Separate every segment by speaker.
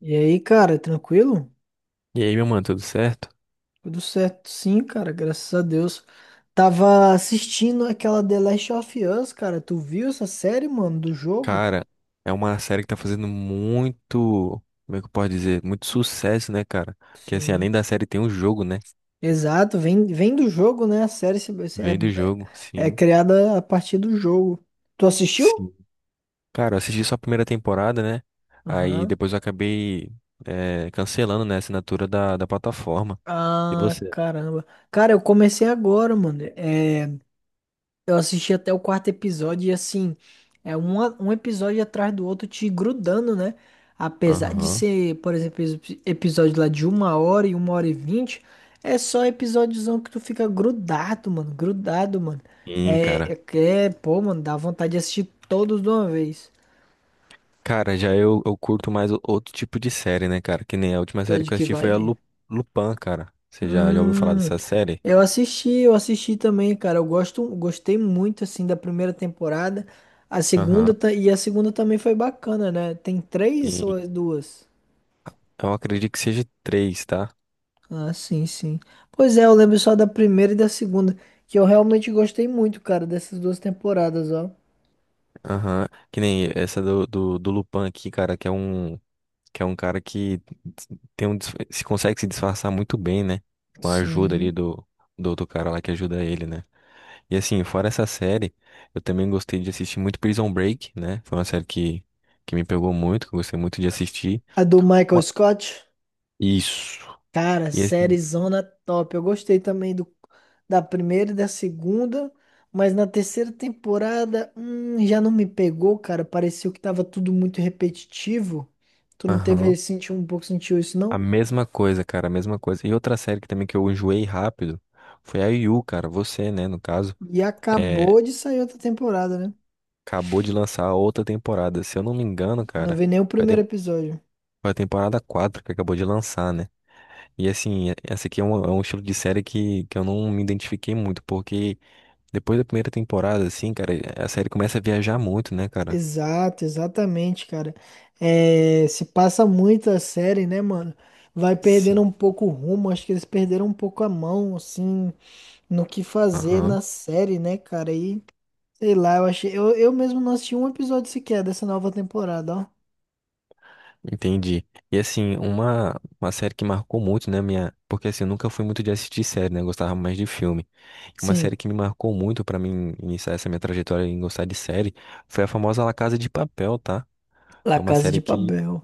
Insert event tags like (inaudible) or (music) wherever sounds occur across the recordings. Speaker 1: E aí, cara, tranquilo?
Speaker 2: E aí, meu mano, tudo certo?
Speaker 1: Tudo certo? Sim, cara, graças a Deus. Tava assistindo aquela The Last of Us, cara. Tu viu essa série, mano, do jogo?
Speaker 2: Cara, é uma série que tá fazendo muito, como é que eu posso dizer? Muito sucesso, né, cara? Porque assim,
Speaker 1: Sim.
Speaker 2: além da série tem o jogo, né?
Speaker 1: Exato, vem do jogo, né? A série
Speaker 2: Vem do jogo,
Speaker 1: é
Speaker 2: sim,
Speaker 1: criada a partir do jogo. Tu assistiu?
Speaker 2: sim. Cara, eu assisti só a primeira temporada, né? Aí
Speaker 1: Aham.
Speaker 2: depois eu acabei cancelando, né, a assinatura da plataforma. E
Speaker 1: Ah,
Speaker 2: você?
Speaker 1: caramba. Cara, eu comecei agora, mano. É. Eu assisti até o quarto episódio e assim, é um episódio atrás do outro te grudando, né? Apesar de
Speaker 2: Aham.
Speaker 1: ser, por exemplo, episódio lá de uma hora e vinte, é só episódiozão que tu fica grudado, mano, grudado, mano.
Speaker 2: Sim, cara.
Speaker 1: Pô, mano, dá vontade de assistir todos de uma vez.
Speaker 2: Cara, já eu curto mais outro tipo de série, né, cara? Que nem a última
Speaker 1: Tu é
Speaker 2: série
Speaker 1: de
Speaker 2: que eu
Speaker 1: que
Speaker 2: assisti foi a
Speaker 1: vibe?
Speaker 2: Lupin, cara. Você já ouviu falar
Speaker 1: Hum,
Speaker 2: dessa série?
Speaker 1: eu assisti também, cara. Gostei muito assim da primeira temporada. A
Speaker 2: Aham.
Speaker 1: segunda ta- e a segunda também foi bacana, né? Tem três ou é duas?
Speaker 2: Eu acredito que seja três, tá?
Speaker 1: Ah, sim. Pois é, eu lembro só da primeira e da segunda, que eu realmente gostei muito, cara, dessas duas temporadas, ó.
Speaker 2: Aham. Que nem essa do Lupin aqui, cara, que é um cara que se consegue se disfarçar muito bem, né? Com a ajuda ali
Speaker 1: Sim.
Speaker 2: do outro cara lá que ajuda ele, né? E assim, fora essa série, eu também gostei de assistir muito Prison Break, né? Foi uma série que me pegou muito, que eu gostei muito de assistir.
Speaker 1: A do Michael
Speaker 2: Ma-
Speaker 1: Scott?
Speaker 2: Isso.
Speaker 1: Cara,
Speaker 2: E assim,
Speaker 1: sériezona top. Eu gostei também do, da primeira e da segunda, mas na terceira temporada, já não me pegou, cara. Pareceu que tava tudo muito repetitivo. Tu não teve,
Speaker 2: aham.
Speaker 1: sentiu um pouco, sentiu isso,
Speaker 2: A
Speaker 1: não?
Speaker 2: mesma coisa, cara, a mesma coisa. E outra série que também que eu enjoei rápido foi a Yu, cara, você, né, no caso.
Speaker 1: E
Speaker 2: É,
Speaker 1: acabou de sair outra temporada, né?
Speaker 2: acabou de lançar a outra temporada. Se eu não me engano,
Speaker 1: Eu não
Speaker 2: cara,
Speaker 1: vi nem o
Speaker 2: foi a,
Speaker 1: primeiro
Speaker 2: tem-
Speaker 1: episódio.
Speaker 2: foi a temporada 4 que acabou de lançar, né? E assim, essa aqui é um estilo de série que eu não me identifiquei muito, porque depois da primeira temporada, assim, cara, a série começa a viajar muito, né, cara?
Speaker 1: Exato, exatamente, cara. É, se passa muito a série, né, mano? Vai perdendo um
Speaker 2: Sim.
Speaker 1: pouco o rumo. Acho que eles perderam um pouco a mão, assim. No que fazer
Speaker 2: Aham,
Speaker 1: na série, né, cara? E sei lá, eu achei. Eu mesmo não assisti um episódio sequer dessa nova temporada, ó.
Speaker 2: entendi. E assim, uma série que marcou muito, né, minha. Porque assim, eu nunca fui muito de assistir série, né? Eu gostava mais de filme. Uma
Speaker 1: Sim,
Speaker 2: série que me marcou muito pra mim iniciar essa minha trajetória em gostar de série foi a famosa La Casa de Papel, tá?
Speaker 1: La
Speaker 2: Foi uma
Speaker 1: Casa de
Speaker 2: série que.
Speaker 1: Papel.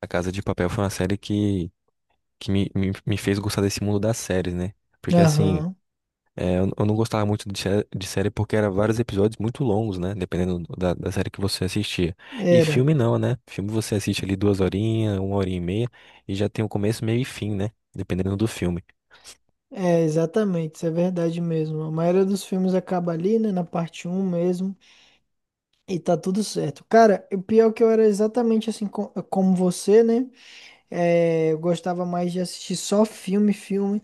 Speaker 2: A Casa de Papel foi uma série que me fez gostar desse mundo das séries, né? Porque assim,
Speaker 1: Aham,
Speaker 2: eu não gostava muito de série porque era vários episódios muito longos, né? Dependendo da série que você assistia. E
Speaker 1: era.
Speaker 2: filme não, né? Filme você assiste ali duas horinhas, uma hora e meia, e já tem o começo, meio e fim, né? Dependendo do filme.
Speaker 1: É, exatamente, isso é verdade mesmo. A maioria dos filmes acaba ali, né, na parte um mesmo, e tá tudo certo. Cara, o pior é que eu era exatamente assim como você, né? É, eu gostava mais de assistir só filme, filme.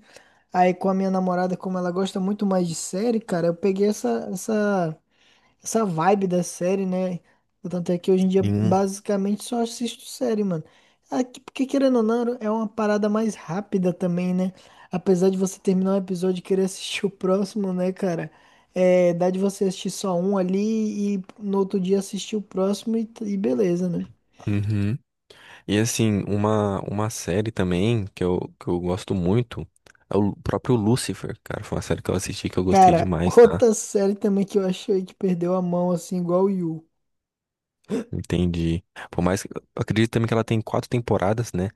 Speaker 1: Aí com a minha namorada, como ela gosta muito mais de série, cara, eu peguei essa vibe da série, né? Tanto é que hoje em dia
Speaker 2: Hum.
Speaker 1: basicamente só assisto série, mano. Aqui, porque querendo ou não, é uma parada mais rápida também, né? Apesar de você terminar um episódio e querer assistir (laughs) o próximo, né, cara? É, dá de você assistir só um ali e no outro dia assistir o próximo e beleza, né?
Speaker 2: Uhum. E assim, uma série também que eu gosto muito é o próprio Lucifer, cara. Foi uma série que eu assisti que eu gostei
Speaker 1: Cara, (laughs)
Speaker 2: demais, tá?
Speaker 1: outra série também que eu achei que perdeu a mão, assim, igual o Yu.
Speaker 2: Entendi. Por mais que, eu acredito também que ela tem 4 temporadas, né?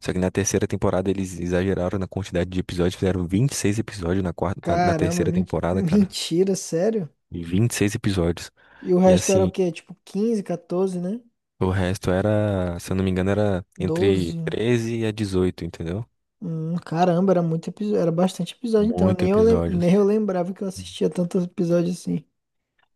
Speaker 2: Só que na terceira temporada eles exageraram na quantidade de episódios, fizeram 26 episódios na quarta, na
Speaker 1: Caramba,
Speaker 2: terceira
Speaker 1: (laughs)
Speaker 2: temporada, cara.
Speaker 1: mentira, sério?
Speaker 2: E 26 episódios.
Speaker 1: E o
Speaker 2: E
Speaker 1: resto era o
Speaker 2: assim,
Speaker 1: quê? Tipo 15, 14, né?
Speaker 2: o resto era, se eu não me engano, era entre
Speaker 1: 12.
Speaker 2: 13 a 18, entendeu?
Speaker 1: Caramba, era muito episódio, era bastante episódio, então
Speaker 2: Muito
Speaker 1: nem
Speaker 2: episódios.
Speaker 1: eu lembrava que eu assistia tantos episódios assim.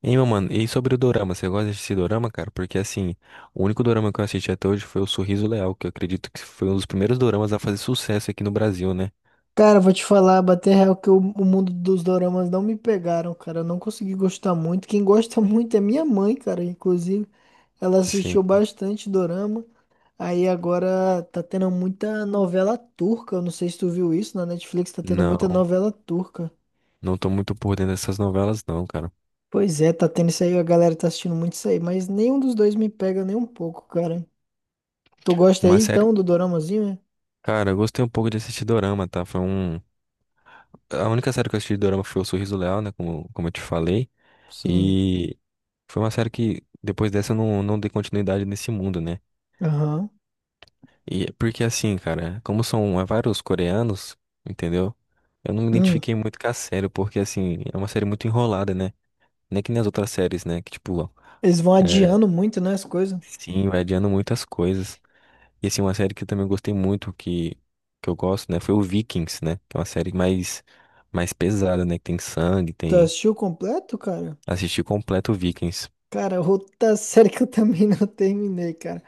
Speaker 2: Hein, meu mano, e sobre o dorama, você gosta de assistir dorama, cara? Porque assim, o único dorama que eu assisti até hoje foi o Sorriso Leal, que eu acredito que foi um dos primeiros doramas a fazer sucesso aqui no Brasil, né?
Speaker 1: Cara, vou te falar, bater real que o mundo dos doramas não me pegaram, cara. Eu não consegui gostar muito. Quem gosta (laughs) muito é minha mãe, cara. Inclusive, ela assistiu
Speaker 2: Sim.
Speaker 1: bastante dorama. Aí agora tá tendo muita novela turca. Eu não sei se tu viu isso na Netflix, tá tendo muita
Speaker 2: Não.
Speaker 1: novela turca.
Speaker 2: Não tô muito por dentro dessas novelas, não, cara.
Speaker 1: Pois é, tá tendo isso aí, a galera tá assistindo muito isso aí, mas nenhum dos dois me pega nem um pouco, cara. Tu gosta aí
Speaker 2: Uma série.
Speaker 1: então do doramazinho, é?
Speaker 2: Cara, eu gostei um pouco de assistir Dorama, tá? Foi um. A única série que eu assisti de Dorama foi O Sorriso Leal, né? Como eu te falei.
Speaker 1: Sim.
Speaker 2: E foi uma série que depois dessa eu não dei continuidade nesse mundo, né?
Speaker 1: Aham.
Speaker 2: E é porque assim, cara, como são vários coreanos, entendeu? Eu não me
Speaker 1: Hum.
Speaker 2: identifiquei muito com a série, porque assim, é uma série muito enrolada, né? Não é que nem as outras séries, né? Que tipo,
Speaker 1: Eles vão
Speaker 2: é,
Speaker 1: adiando muito, né, as coisas.
Speaker 2: sim, vai adiando muitas coisas. E assim, uma série que eu também gostei muito, que eu gosto, né? Foi o Vikings, né? Que é uma série mais pesada, né? Que tem sangue,
Speaker 1: Tu
Speaker 2: tem.
Speaker 1: assistiu completo, cara?
Speaker 2: Assisti completo o Vikings.
Speaker 1: Cara, outra série (laughs) que eu também (laughs) não terminei, cara.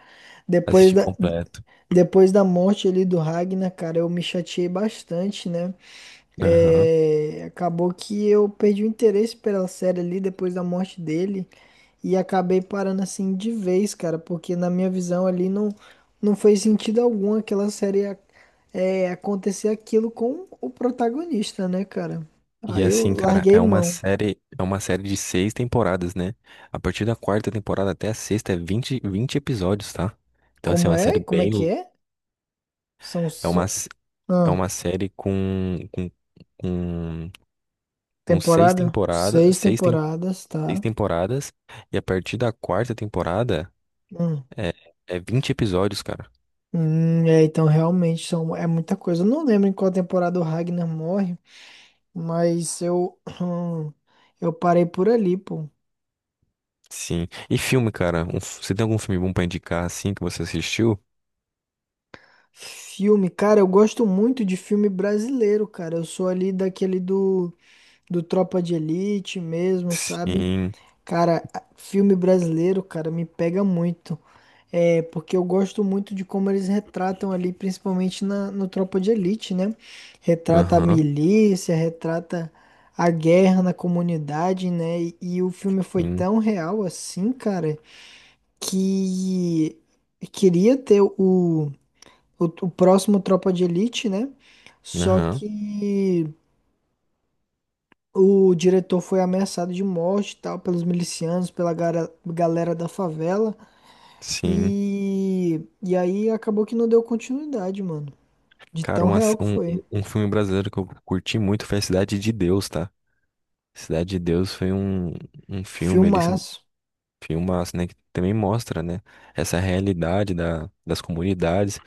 Speaker 1: Depois
Speaker 2: Assisti
Speaker 1: da,
Speaker 2: completo.
Speaker 1: depois da morte ali do Ragnar, cara, eu me chateei bastante, né?
Speaker 2: Aham.
Speaker 1: É, acabou que eu perdi o interesse pela série ali depois da morte dele. E acabei parando assim de vez, cara, porque na minha visão ali não, não fez sentido algum aquela série acontecer aquilo com o protagonista, né, cara?
Speaker 2: E
Speaker 1: Aí eu
Speaker 2: assim, cara,
Speaker 1: larguei mão.
Speaker 2: é uma série de 6 temporadas, né? A partir da quarta temporada até a sexta é vinte episódios, tá? Então, assim, é
Speaker 1: Como
Speaker 2: uma
Speaker 1: é?
Speaker 2: série
Speaker 1: Como é
Speaker 2: bem.
Speaker 1: que é? São,
Speaker 2: É uma,
Speaker 1: são...
Speaker 2: s- é
Speaker 1: Ah,
Speaker 2: uma série com, com seis
Speaker 1: temporada?
Speaker 2: temporadas,
Speaker 1: Seis temporadas,
Speaker 2: seis
Speaker 1: tá?
Speaker 2: temporadas. E a partir da quarta temporada.
Speaker 1: Hum.
Speaker 2: É, é 20 episódios, cara.
Speaker 1: É, então realmente são, é muita coisa. Eu não lembro em qual temporada o Ragnar morre, mas eu, (clears throat) eu parei por ali, pô.
Speaker 2: Sim. E filme, cara? Você tem algum filme bom pra indicar, assim, que você assistiu?
Speaker 1: Filme, cara, eu gosto muito de filme brasileiro, cara. Eu sou ali do Tropa de Elite mesmo, sabe?
Speaker 2: Sim.
Speaker 1: Cara, filme brasileiro, cara, me pega muito. É, porque eu gosto muito de como eles retratam ali, principalmente no Tropa de Elite, né? Retrata a
Speaker 2: Aham.
Speaker 1: milícia, retrata a guerra na comunidade, né? E o filme foi
Speaker 2: Sim.
Speaker 1: tão real assim, cara, que queria ter o próximo Tropa de Elite, né? Só
Speaker 2: Aham.
Speaker 1: que o diretor foi ameaçado de morte, e tal, pelos milicianos, pela galera da favela.
Speaker 2: Sim.
Speaker 1: E aí acabou que não deu continuidade, mano. De
Speaker 2: Cara,
Speaker 1: tão
Speaker 2: uma
Speaker 1: real
Speaker 2: s-
Speaker 1: que
Speaker 2: um,
Speaker 1: foi.
Speaker 2: um um filme brasileiro que eu curti muito foi a Cidade de Deus, tá? Cidade de Deus foi um filme, ele se-
Speaker 1: Filmaço.
Speaker 2: filmaço, né? Que também mostra, né? Essa realidade das comunidades.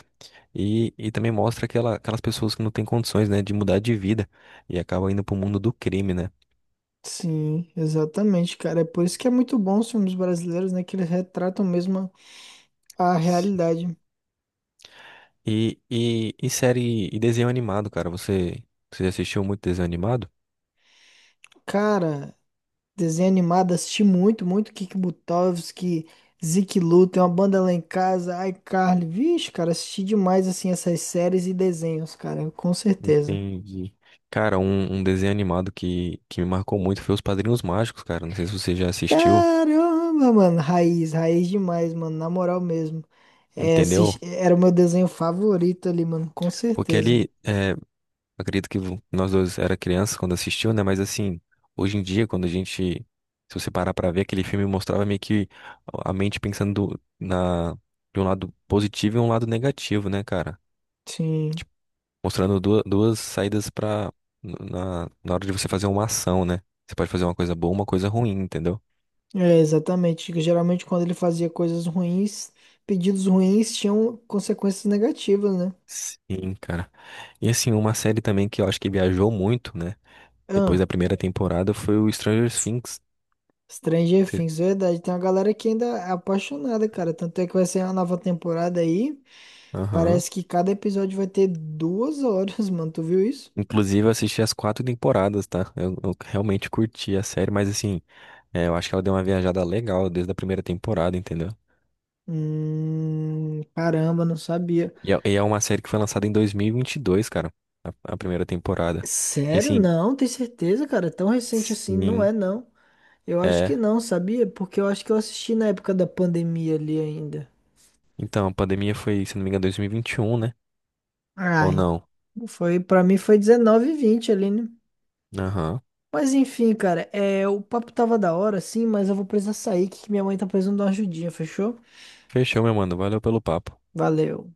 Speaker 2: E também mostra aquelas pessoas que não têm condições, né? De mudar de vida. E acabam indo pro mundo do crime, né?
Speaker 1: Sim, exatamente, cara. É por isso que é muito bom os filmes brasileiros, né? Que eles retratam mesmo a realidade.
Speaker 2: E série e desenho animado, cara. Você assistiu muito desenho animado?
Speaker 1: Cara, desenho animado, assisti muito, muito Kiki Butovski, Zeke Lu, tem uma banda lá em casa, iCarly. Vixe, cara, assisti demais, assim, essas séries e desenhos, cara, com certeza.
Speaker 2: Entendi. Cara, um desenho animado que me marcou muito foi Os Padrinhos Mágicos, cara. Não sei se você já assistiu,
Speaker 1: Caramba, mano, raiz, raiz demais, mano, na moral mesmo. É,
Speaker 2: entendeu?
Speaker 1: era o meu desenho favorito ali, mano, com
Speaker 2: Porque
Speaker 1: certeza.
Speaker 2: acredito que nós dois era criança quando assistiu, né? Mas assim, hoje em dia, quando a gente, se você parar pra ver, aquele filme mostrava meio que a mente pensando na, de um lado positivo e um lado negativo, né, cara?
Speaker 1: Sim,
Speaker 2: Mostrando duas saídas na hora de você fazer uma ação, né? Você pode fazer uma coisa boa, uma coisa ruim, entendeu?
Speaker 1: é, exatamente. Geralmente quando ele fazia coisas ruins, pedidos ruins tinham consequências negativas, né?
Speaker 2: Sim, cara. E assim, uma série também que eu acho que viajou muito, né? Depois
Speaker 1: Ah.
Speaker 2: da primeira temporada foi o Stranger Things.
Speaker 1: Stranger
Speaker 2: Você-
Speaker 1: Things, verdade. Tem uma galera que ainda é apaixonada, cara. Tanto é que vai ser uma nova temporada aí.
Speaker 2: Aham.
Speaker 1: Parece que cada episódio vai ter duas horas, (laughs) mano. Tu viu isso?
Speaker 2: Inclusive, eu assisti as 4 temporadas, tá? Eu realmente curti a série, mas assim, eu acho que ela deu uma viajada legal desde a primeira temporada, entendeu?
Speaker 1: Caramba, não sabia.
Speaker 2: E é uma série que foi lançada em 2022, cara, a primeira temporada. E
Speaker 1: Sério?
Speaker 2: assim,
Speaker 1: Não, tem certeza, cara? Tão recente assim, não
Speaker 2: sim,
Speaker 1: é, não. Eu acho que
Speaker 2: é.
Speaker 1: não, sabia? Porque eu acho que eu assisti na época da pandemia ali ainda.
Speaker 2: Então, a pandemia foi, se não me engano, 2021, né? Ou
Speaker 1: Ai,
Speaker 2: não?
Speaker 1: foi, pra mim foi 19 e 20 ali, né?
Speaker 2: Aham.
Speaker 1: Mas enfim, cara, é, o papo tava da hora, sim, mas eu vou precisar sair, que minha mãe tá precisando de uma ajudinha, fechou?
Speaker 2: Fechou, meu mano. Valeu pelo papo.
Speaker 1: Valeu.